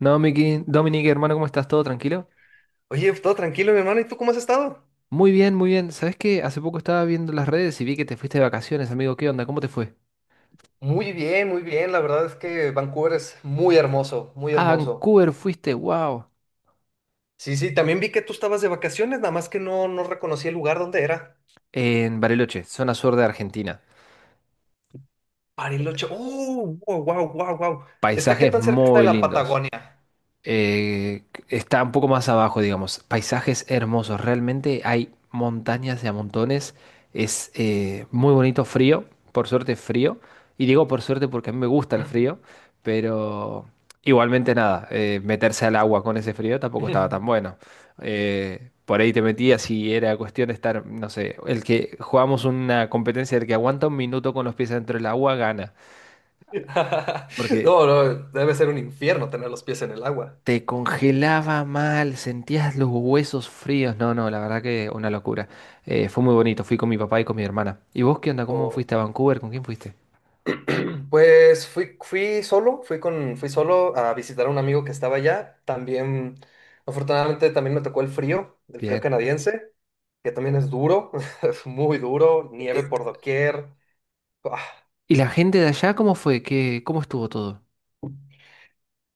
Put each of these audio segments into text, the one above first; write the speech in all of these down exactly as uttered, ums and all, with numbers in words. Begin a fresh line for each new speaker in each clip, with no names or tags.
No, Miki, Dominique, hermano, ¿cómo estás? ¿Todo tranquilo?
Oye, todo tranquilo, mi hermano. ¿Y tú cómo has estado?
Muy bien, muy bien. ¿Sabes qué? Hace poco estaba viendo las redes y vi que te fuiste de vacaciones, amigo. ¿Qué onda? ¿Cómo te fue?
Muy bien, muy bien. La verdad es que Vancouver es muy hermoso, muy
A
hermoso.
Vancouver fuiste, wow.
Sí, sí, también vi que tú estabas de vacaciones, nada más que no, no reconocí el lugar donde era.
En Bariloche, zona sur de Argentina.
Bariloche. ¡Oh! ¡Wow, wow, wow, wow! ¿Está qué
Paisajes
tan cerca está de
muy
la
lindos.
Patagonia?
Eh, está un poco más abajo, digamos. Paisajes hermosos, realmente hay montañas de a montones. Es eh, muy bonito, frío, por suerte frío. Y digo por suerte porque a mí me gusta el frío, pero igualmente nada, eh, meterse al agua con ese frío tampoco estaba tan bueno. Eh, por ahí te metías y era cuestión de estar, no sé, el que jugamos una competencia del que aguanta un minuto con los pies dentro del agua gana. Porque
No, no, debe ser un infierno tener los pies en el agua.
te congelaba mal, sentías los huesos fríos. No, no, la verdad que una locura. Eh, fue muy bonito, fui con mi papá y con mi hermana. ¿Y vos qué onda? ¿Cómo fuiste a Vancouver? ¿Con quién fuiste?
Pues fui, fui solo, fui con, fui solo a visitar a un amigo que estaba allá. También, afortunadamente, también me tocó el frío, el frío
Bien.
canadiense, que también es duro, es muy duro, nieve
Eh,
por doquier. Ah,
¿Y la gente de allá cómo fue? ¿Qué, cómo estuvo todo?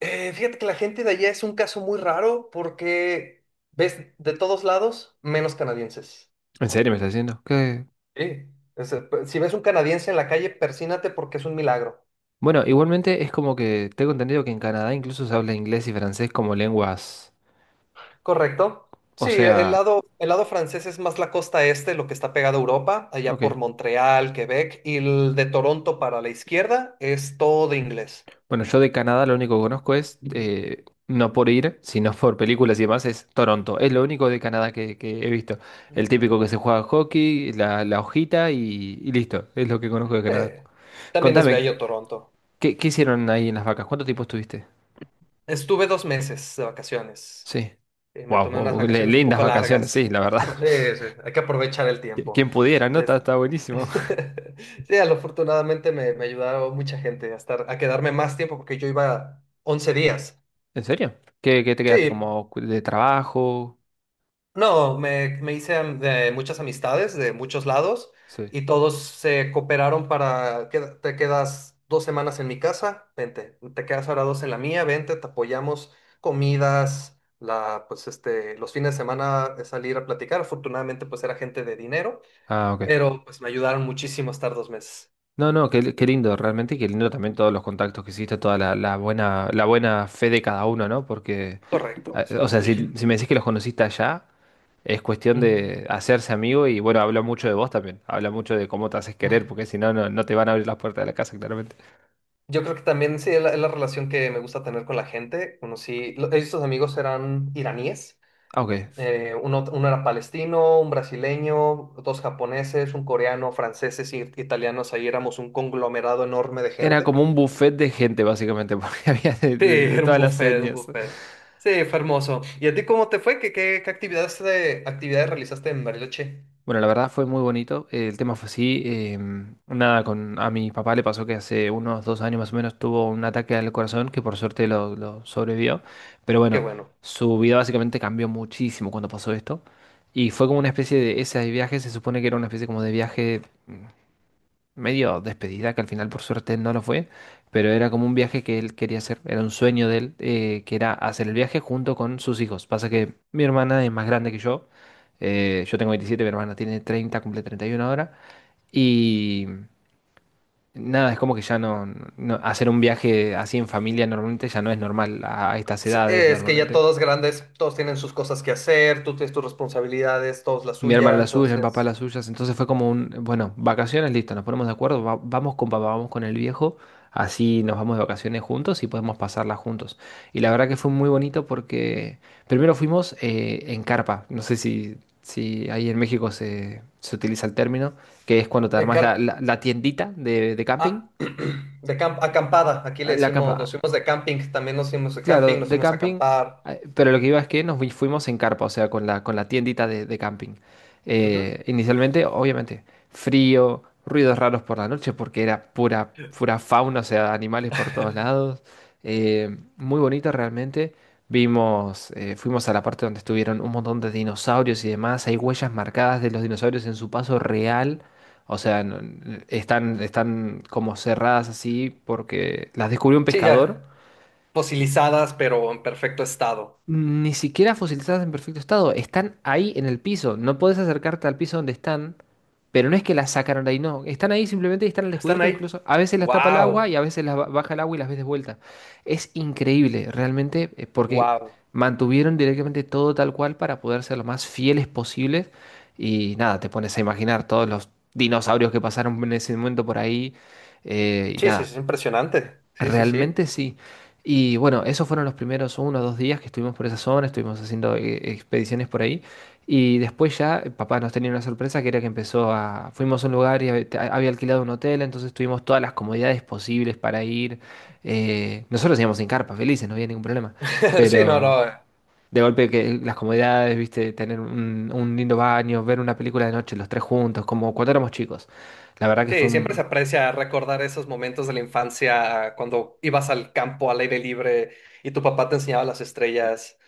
eh, fíjate que la gente de allá es un caso muy raro porque ves de todos lados menos canadienses.
¿En serio me estás diciendo? ¿Qué?
Sí. Es, eh, si ves un canadiense en la calle, persínate porque es un milagro.
Bueno, igualmente es como que tengo entendido que en Canadá incluso se habla inglés y francés como lenguas.
Correcto.
O
Sí,
sea.
el lado, el lado francés es más la costa este, lo que está pegado a Europa, allá
Ok.
por Montreal, Quebec, y el de Toronto para la izquierda es todo inglés.
Bueno, yo de Canadá lo único que conozco es, eh, no por ir, sino por películas y demás, es Toronto. Es lo único de Canadá que, que he visto. El típico que se juega hockey, la, la hojita y, y listo. Es lo que conozco de Canadá.
Eh, También es
Contame,
bello Toronto.
¿qué, qué hicieron ahí en las vacas? ¿Cuánto tiempo estuviste?
Estuve dos meses de vacaciones.
Sí.
Eh, me tomé unas
Wow,
vacaciones un
lindas
poco
vacaciones, sí,
largas.
la verdad.
No, pues, eh, hay que aprovechar el
Qui-
tiempo.
Quien pudiera, ¿no? Está,
Es-
está buenísimo.
Sí, al- afortunadamente me, me ayudaron mucha gente a estar, a quedarme más tiempo porque yo iba once días.
¿En serio? ¿Qué, qué te
Sí.
quedaste como de trabajo?
No, me, me hice am- de muchas amistades de muchos lados
Sí.
y todos se cooperaron para que te quedas dos semanas en mi casa, vente, te quedas ahora dos en la mía, vente, te apoyamos, comidas, la, pues este, los fines de semana eh, salir a platicar. Afortunadamente, pues era gente de dinero,
Ah, ok.
pero pues me ayudaron muchísimo a estar dos meses.
No, no, qué, qué lindo, realmente qué lindo también todos los contactos que hiciste, toda la, la buena, la buena fe de cada uno, ¿no? Porque,
Correcto,
eh,
sí.
o sea, si, si me decís que los conociste allá, es cuestión
Mm.
de hacerse amigo y bueno, habla mucho de vos también, habla mucho de cómo te haces querer, porque si no, no, no te van a abrir las puertas de la casa, claramente.
Yo creo que también sí, es la, es la relación que me gusta tener con la gente. Conocí, lo- estos amigos eran iraníes.
Ah, ok.
Eh, uno, uno era palestino, un brasileño, dos japoneses, un coreano, franceses y italianos. Ahí éramos un conglomerado enorme de
Era
gente.
como un buffet de gente, básicamente, porque había de,
Sí,
de- de
era un
todas las
buffet, un
etnias.
buffet. Sí, fue hermoso. ¿Y a ti cómo te fue? ¿Qué, qué, qué actividades, de, actividades realizaste en Bariloche?
Bueno, la verdad fue muy bonito. Eh, el tema fue así. Em, nada, con, a mi papá le pasó que hace unos dos años más o menos tuvo un ataque al corazón que por suerte lo, lo sobrevivió. Pero
Qué
bueno,
bueno.
su vida básicamente cambió muchísimo cuando pasó esto. Y fue como una especie de, ese viaje se supone que era una especie como de viaje medio despedida, que al final por suerte no lo fue, pero era como un viaje que él quería hacer, era un sueño de él, eh, que era hacer el viaje junto con sus hijos. Pasa que mi hermana es más grande que yo, eh, yo tengo veintisiete, mi hermana tiene treinta, cumple treinta y uno ahora, y nada, es como que ya no, no- hacer un viaje así en familia normalmente ya no es normal a, a estas
S-
edades
Es que ya
normalmente.
todos grandes, todos tienen sus cosas que hacer, tú tienes tus responsabilidades, todos la
Mi hermana
suya,
las suyas, mi papá
entonces...
las suyas. Entonces fue como un, bueno, vacaciones, listo, nos ponemos de acuerdo, va- vamos con papá, vamos con el viejo, así nos vamos de vacaciones juntos y podemos pasarlas juntos. Y la verdad que fue muy bonito porque primero fuimos eh, en carpa, no sé si, si ahí en México se, se utiliza el término, que es cuando te
eh,
armas la,
car-
la- la tiendita de, de camping,
ah, de camp- acampada, aquí le
la
decimos, nos
campa.
fuimos de camping, también nos fuimos de
Claro,
camping, nos
de
fuimos a
camping,
acampar.
eh, pero lo que iba es que nos fui- fuimos en carpa, o sea, con la, con la tiendita de, de camping.
Ujú.
Eh, inicialmente, obviamente, frío, ruidos raros por la noche, porque era pura, pura fauna, o sea, animales por todos lados. Eh, muy bonito realmente. Vimos, eh, fuimos a la parte donde estuvieron un montón de dinosaurios y demás. Hay huellas marcadas de los dinosaurios en su paso real. O sea, no- están, están como cerradas así porque las descubrió un
Sí,
pescador.
ya fosilizadas, pero en perfecto estado.
Ni siquiera fosilizadas, en perfecto estado, están ahí en el piso. No puedes acercarte al piso donde están, pero no es que las sacaron de ahí, no. Están ahí simplemente y están al
Están
descubierto,
ahí.
incluso a veces las tapa el agua y
Wow,
a veces las ba- baja el agua y las ves de vuelta. Es increíble, realmente, eh, porque
wow.
mantuvieron directamente todo tal cual para poder ser lo más fieles posibles. Y nada, te pones a imaginar todos los dinosaurios que pasaron en ese momento por ahí. eh, y
Sí, sí, sí,
nada.
es impresionante. Sí, sí, sí.
Realmente sí. Y bueno, esos fueron los primeros uno o dos días que estuvimos por esa zona, estuvimos haciendo eh, expediciones por ahí. Y después ya eh, papá nos tenía una sorpresa que era que empezó a... Fuimos a un lugar y hab- te- había alquilado un hotel, entonces tuvimos todas las comodidades posibles para ir. Eh, nosotros íbamos sin carpa, felices, no había ningún problema.
Sí, no,
Pero
no. eh.
de golpe que las comodidades, viste, tener un, un lindo baño, ver una película de noche los tres juntos, como cuando éramos chicos. La verdad que fue
Sí, siempre se
un...
aprecia recordar esos momentos de la infancia cuando ibas al campo al aire libre y tu papá te enseñaba las estrellas.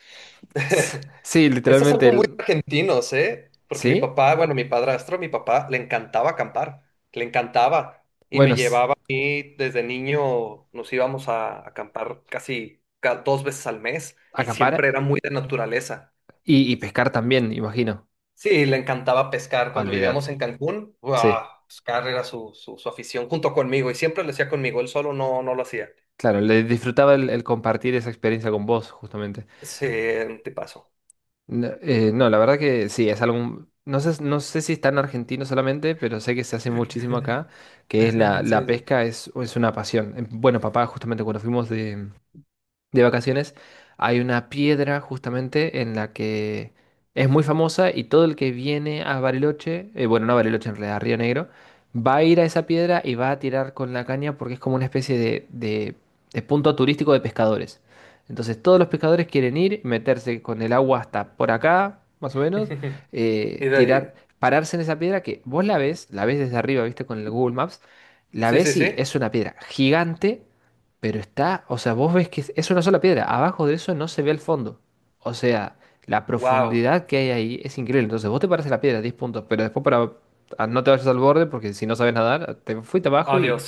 Sí,
Esto es
literalmente...
algo muy
el-
argentino, ¿eh? Porque mi
¿Sí?
papá, bueno, mi padrastro, mi papá, le encantaba acampar, le encantaba. Y
Bueno,
me
s-
llevaba y desde niño nos íbamos a acampar casi ca- dos veces al mes y
acampar
siempre era muy de naturaleza.
y, y pescar también, imagino.
Sí, le encantaba pescar. Cuando vivíamos
Olvídate.
en Cancún,
Sí,
¡guau! Pescar era su, su, su afición junto conmigo y siempre lo hacía conmigo, él solo no, no lo hacía.
claro, le disfrutaba el, el compartir esa experiencia con vos, justamente.
Sí, te paso.
No, eh, no, la verdad que sí, es algo. No sé, no sé si está en Argentina solamente, pero sé que se hace muchísimo acá, que es la, la
Sí, sí.
pesca, es, es una pasión. Eh, Bueno, papá, justamente cuando fuimos de, de vacaciones, hay una piedra justamente en la que es muy famosa y todo el que viene a Bariloche, eh, bueno, no a Bariloche en realidad, a Río Negro, va a ir a esa piedra y va a tirar con la caña porque es como una especie de, de- de punto turístico de pescadores. Entonces todos los pescadores quieren ir, meterse con el agua hasta por acá, más o menos,
Y
eh,
de
tirar,
ahí,
pararse en esa piedra que vos la ves, la ves desde arriba, viste, con el Google Maps, la
sí, sí,
ves
sí.
y es una piedra gigante, pero está, o sea, vos ves que es es una sola piedra. Abajo de eso no se ve el fondo. O sea, la
Wow,
profundidad que hay ahí es increíble. Entonces, vos te paras a la piedra, diez puntos, pero después para, a- no te vayas al borde, porque si no sabes nadar, te fuiste abajo y
adiós.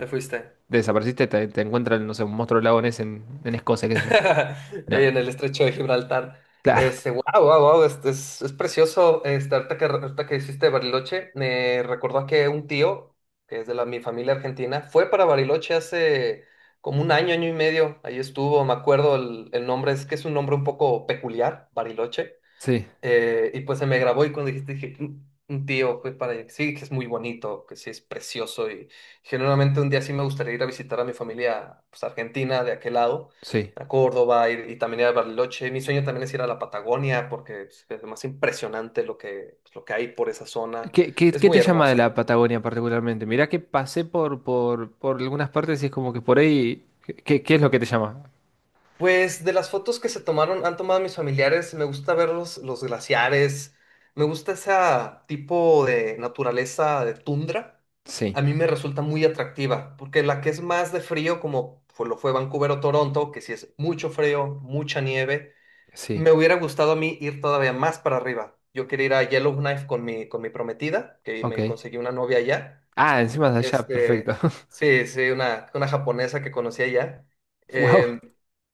Te fuiste.
desapareciste, te, te encuentran, no sé, un monstruo lagones en, en Escocia, qué sé yo.
Ahí
No,
En el estrecho de Gibraltar.
claro,
Este, wow, wow, wow, es, es, es precioso. Este, ahorita que, ahorita que hiciste Bariloche, me recordó que un tío, que es de la, mi familia argentina, fue para Bariloche hace como un año, año y medio. Ahí estuvo, me acuerdo el, el nombre, es que es un nombre un poco peculiar, Bariloche.
sí,
Eh, y pues se me grabó y cuando dijiste, dije, un un tío fue para allá, que sí, que es muy bonito, que sí es precioso y generalmente un día sí me gustaría ir a visitar a mi familia, pues Argentina, de aquel lado,
sí.
a Córdoba ir- y, también ir a Bariloche. Mi sueño también es ir a la Patagonia porque pues, es lo más impresionante lo que, pues, lo que hay por esa zona.
¿Qué, qué,
Es
qué
muy
te llama de la
hermoso.
Patagonia particularmente? Mirá que pasé por, por, por algunas partes y es como que por ahí. ¿Qué, qué es lo que te llama?
Pues de las fotos que se tomaron, han tomado mis familiares, me gusta ver los, los glaciares, me gusta ese tipo de naturaleza de tundra,
Sí,
a mí me resulta muy atractiva, porque la que es más de frío, como fue- lo fue Vancouver o Toronto, que sí es mucho frío, mucha nieve,
sí,
me hubiera gustado a mí ir todavía más para arriba. Yo quería ir a Yellowknife con mi, con mi prometida, que
ok.
me conseguí una novia allá,
Ah, encima de allá, perfecto.
este, sí, sí, una, una japonesa que conocí allá.
Wow.
eh,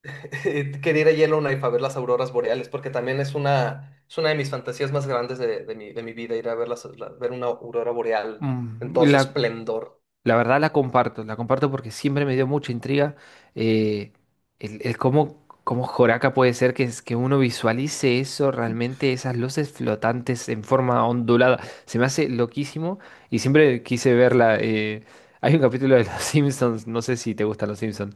Quería ir a Yellowknife a ver las auroras boreales, porque también es una, es una de mis fantasías más grandes de, de mi, de mi vida, ir a ver, las- la- ver una aurora boreal en todo su
la,
esplendor.
la verdad la comparto, la comparto porque siempre me dio mucha intriga, eh, el, el cómo, cómo, Joraca puede ser que, es- que uno visualice eso, realmente esas luces flotantes en forma ondulada. Se me hace loquísimo y siempre quise verla. Eh, hay un capítulo de Los Simpsons, no sé si te gustan Los Simpsons,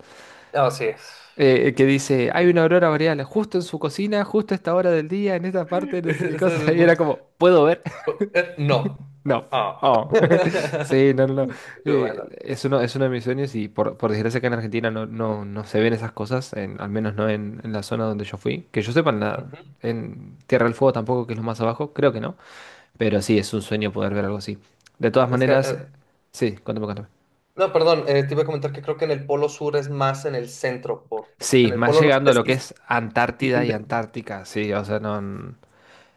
Ah, sí.
eh, que dice, hay una aurora boreal justo en su cocina, justo a esta hora del día, en esta parte, no sé qué
Eso
cosa.
es
Y era
mu-
como, ¿puedo ver?
pu- eh, No.
No.
Ah.
Oh. Sí, no, no, no.
Pero
Eh,
Bueno.
es uno, es uno de mis sueños y por, por desgracia que en Argentina no, no, no se ven esas cosas, en- al menos no en, en la zona donde yo fui. Que yo sepa, en, la-
Ujú.
en Tierra del Fuego tampoco, que es lo más abajo, creo que no. Pero sí, es un sueño poder ver algo así. De todas
Es que,
maneras,
eh,
eh, sí, cuéntame, cuéntame.
no, perdón, eh, te iba a comentar que creo que en el polo sur es más en el centro, por,
Sí,
en el
más
polo
llegando a
norte
lo que
sí se
es Antártida
extiende.
y Antártica, sí, o sea, no, n-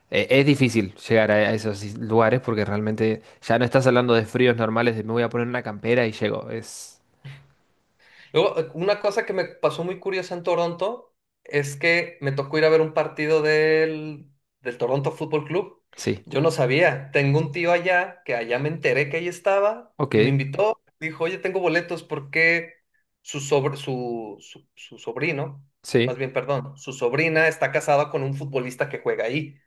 e- es difícil llegar a a esos is- lugares porque realmente ya no estás hablando de fríos normales, de me voy a poner una campera y llego, es,
Luego, eh, una cosa que me pasó muy curiosa en Toronto es que me tocó ir a ver un partido del, del Toronto Fútbol Club.
sí.
Yo no sabía. Tengo un tío allá que allá me enteré que ahí estaba
Ok,
y me invitó. Dijo, oye, tengo boletos porque su, sobr- su, su, su sobrino, más
sí,
bien, perdón, su sobrina está casada con un futbolista que juega ahí,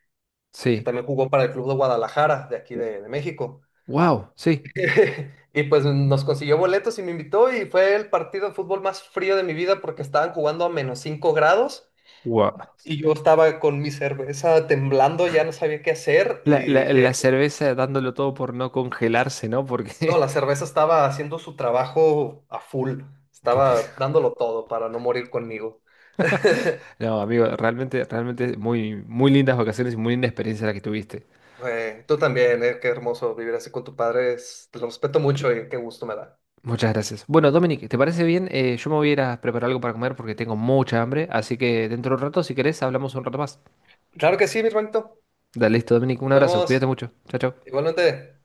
que
sí.
también jugó para el Club de Guadalajara, de aquí de de México.
Wow, sí.
Y pues nos consiguió boletos y me invitó y fue el partido de fútbol más frío de mi vida porque estaban jugando a menos cinco grados
Wow.
y yo estaba con mi cerveza temblando, ya no sabía qué hacer y
La, la-
dije,
la cerveza dándolo todo por no congelarse, ¿no? Porque,
no, la cerveza estaba haciendo su trabajo a full,
por-
estaba dándolo todo para no morir conmigo.
no, amigo, realmente, realmente muy, muy lindas vacaciones y muy linda experiencia la que tuviste.
Eh, tú también, eh, qué hermoso vivir así con tu padre, es- te lo respeto mucho y qué gusto me da.
Muchas gracias. Bueno, Dominic, ¿te parece bien? Eh, yo me voy a ir a preparar algo para comer porque tengo mucha hambre, así que dentro de un rato, si querés, hablamos un rato más.
Claro que sí, mi hermanito.
Dale, listo, Dominic, un
Nos
abrazo, cuídate
vemos.
mucho. Chao, chao.
Igualmente.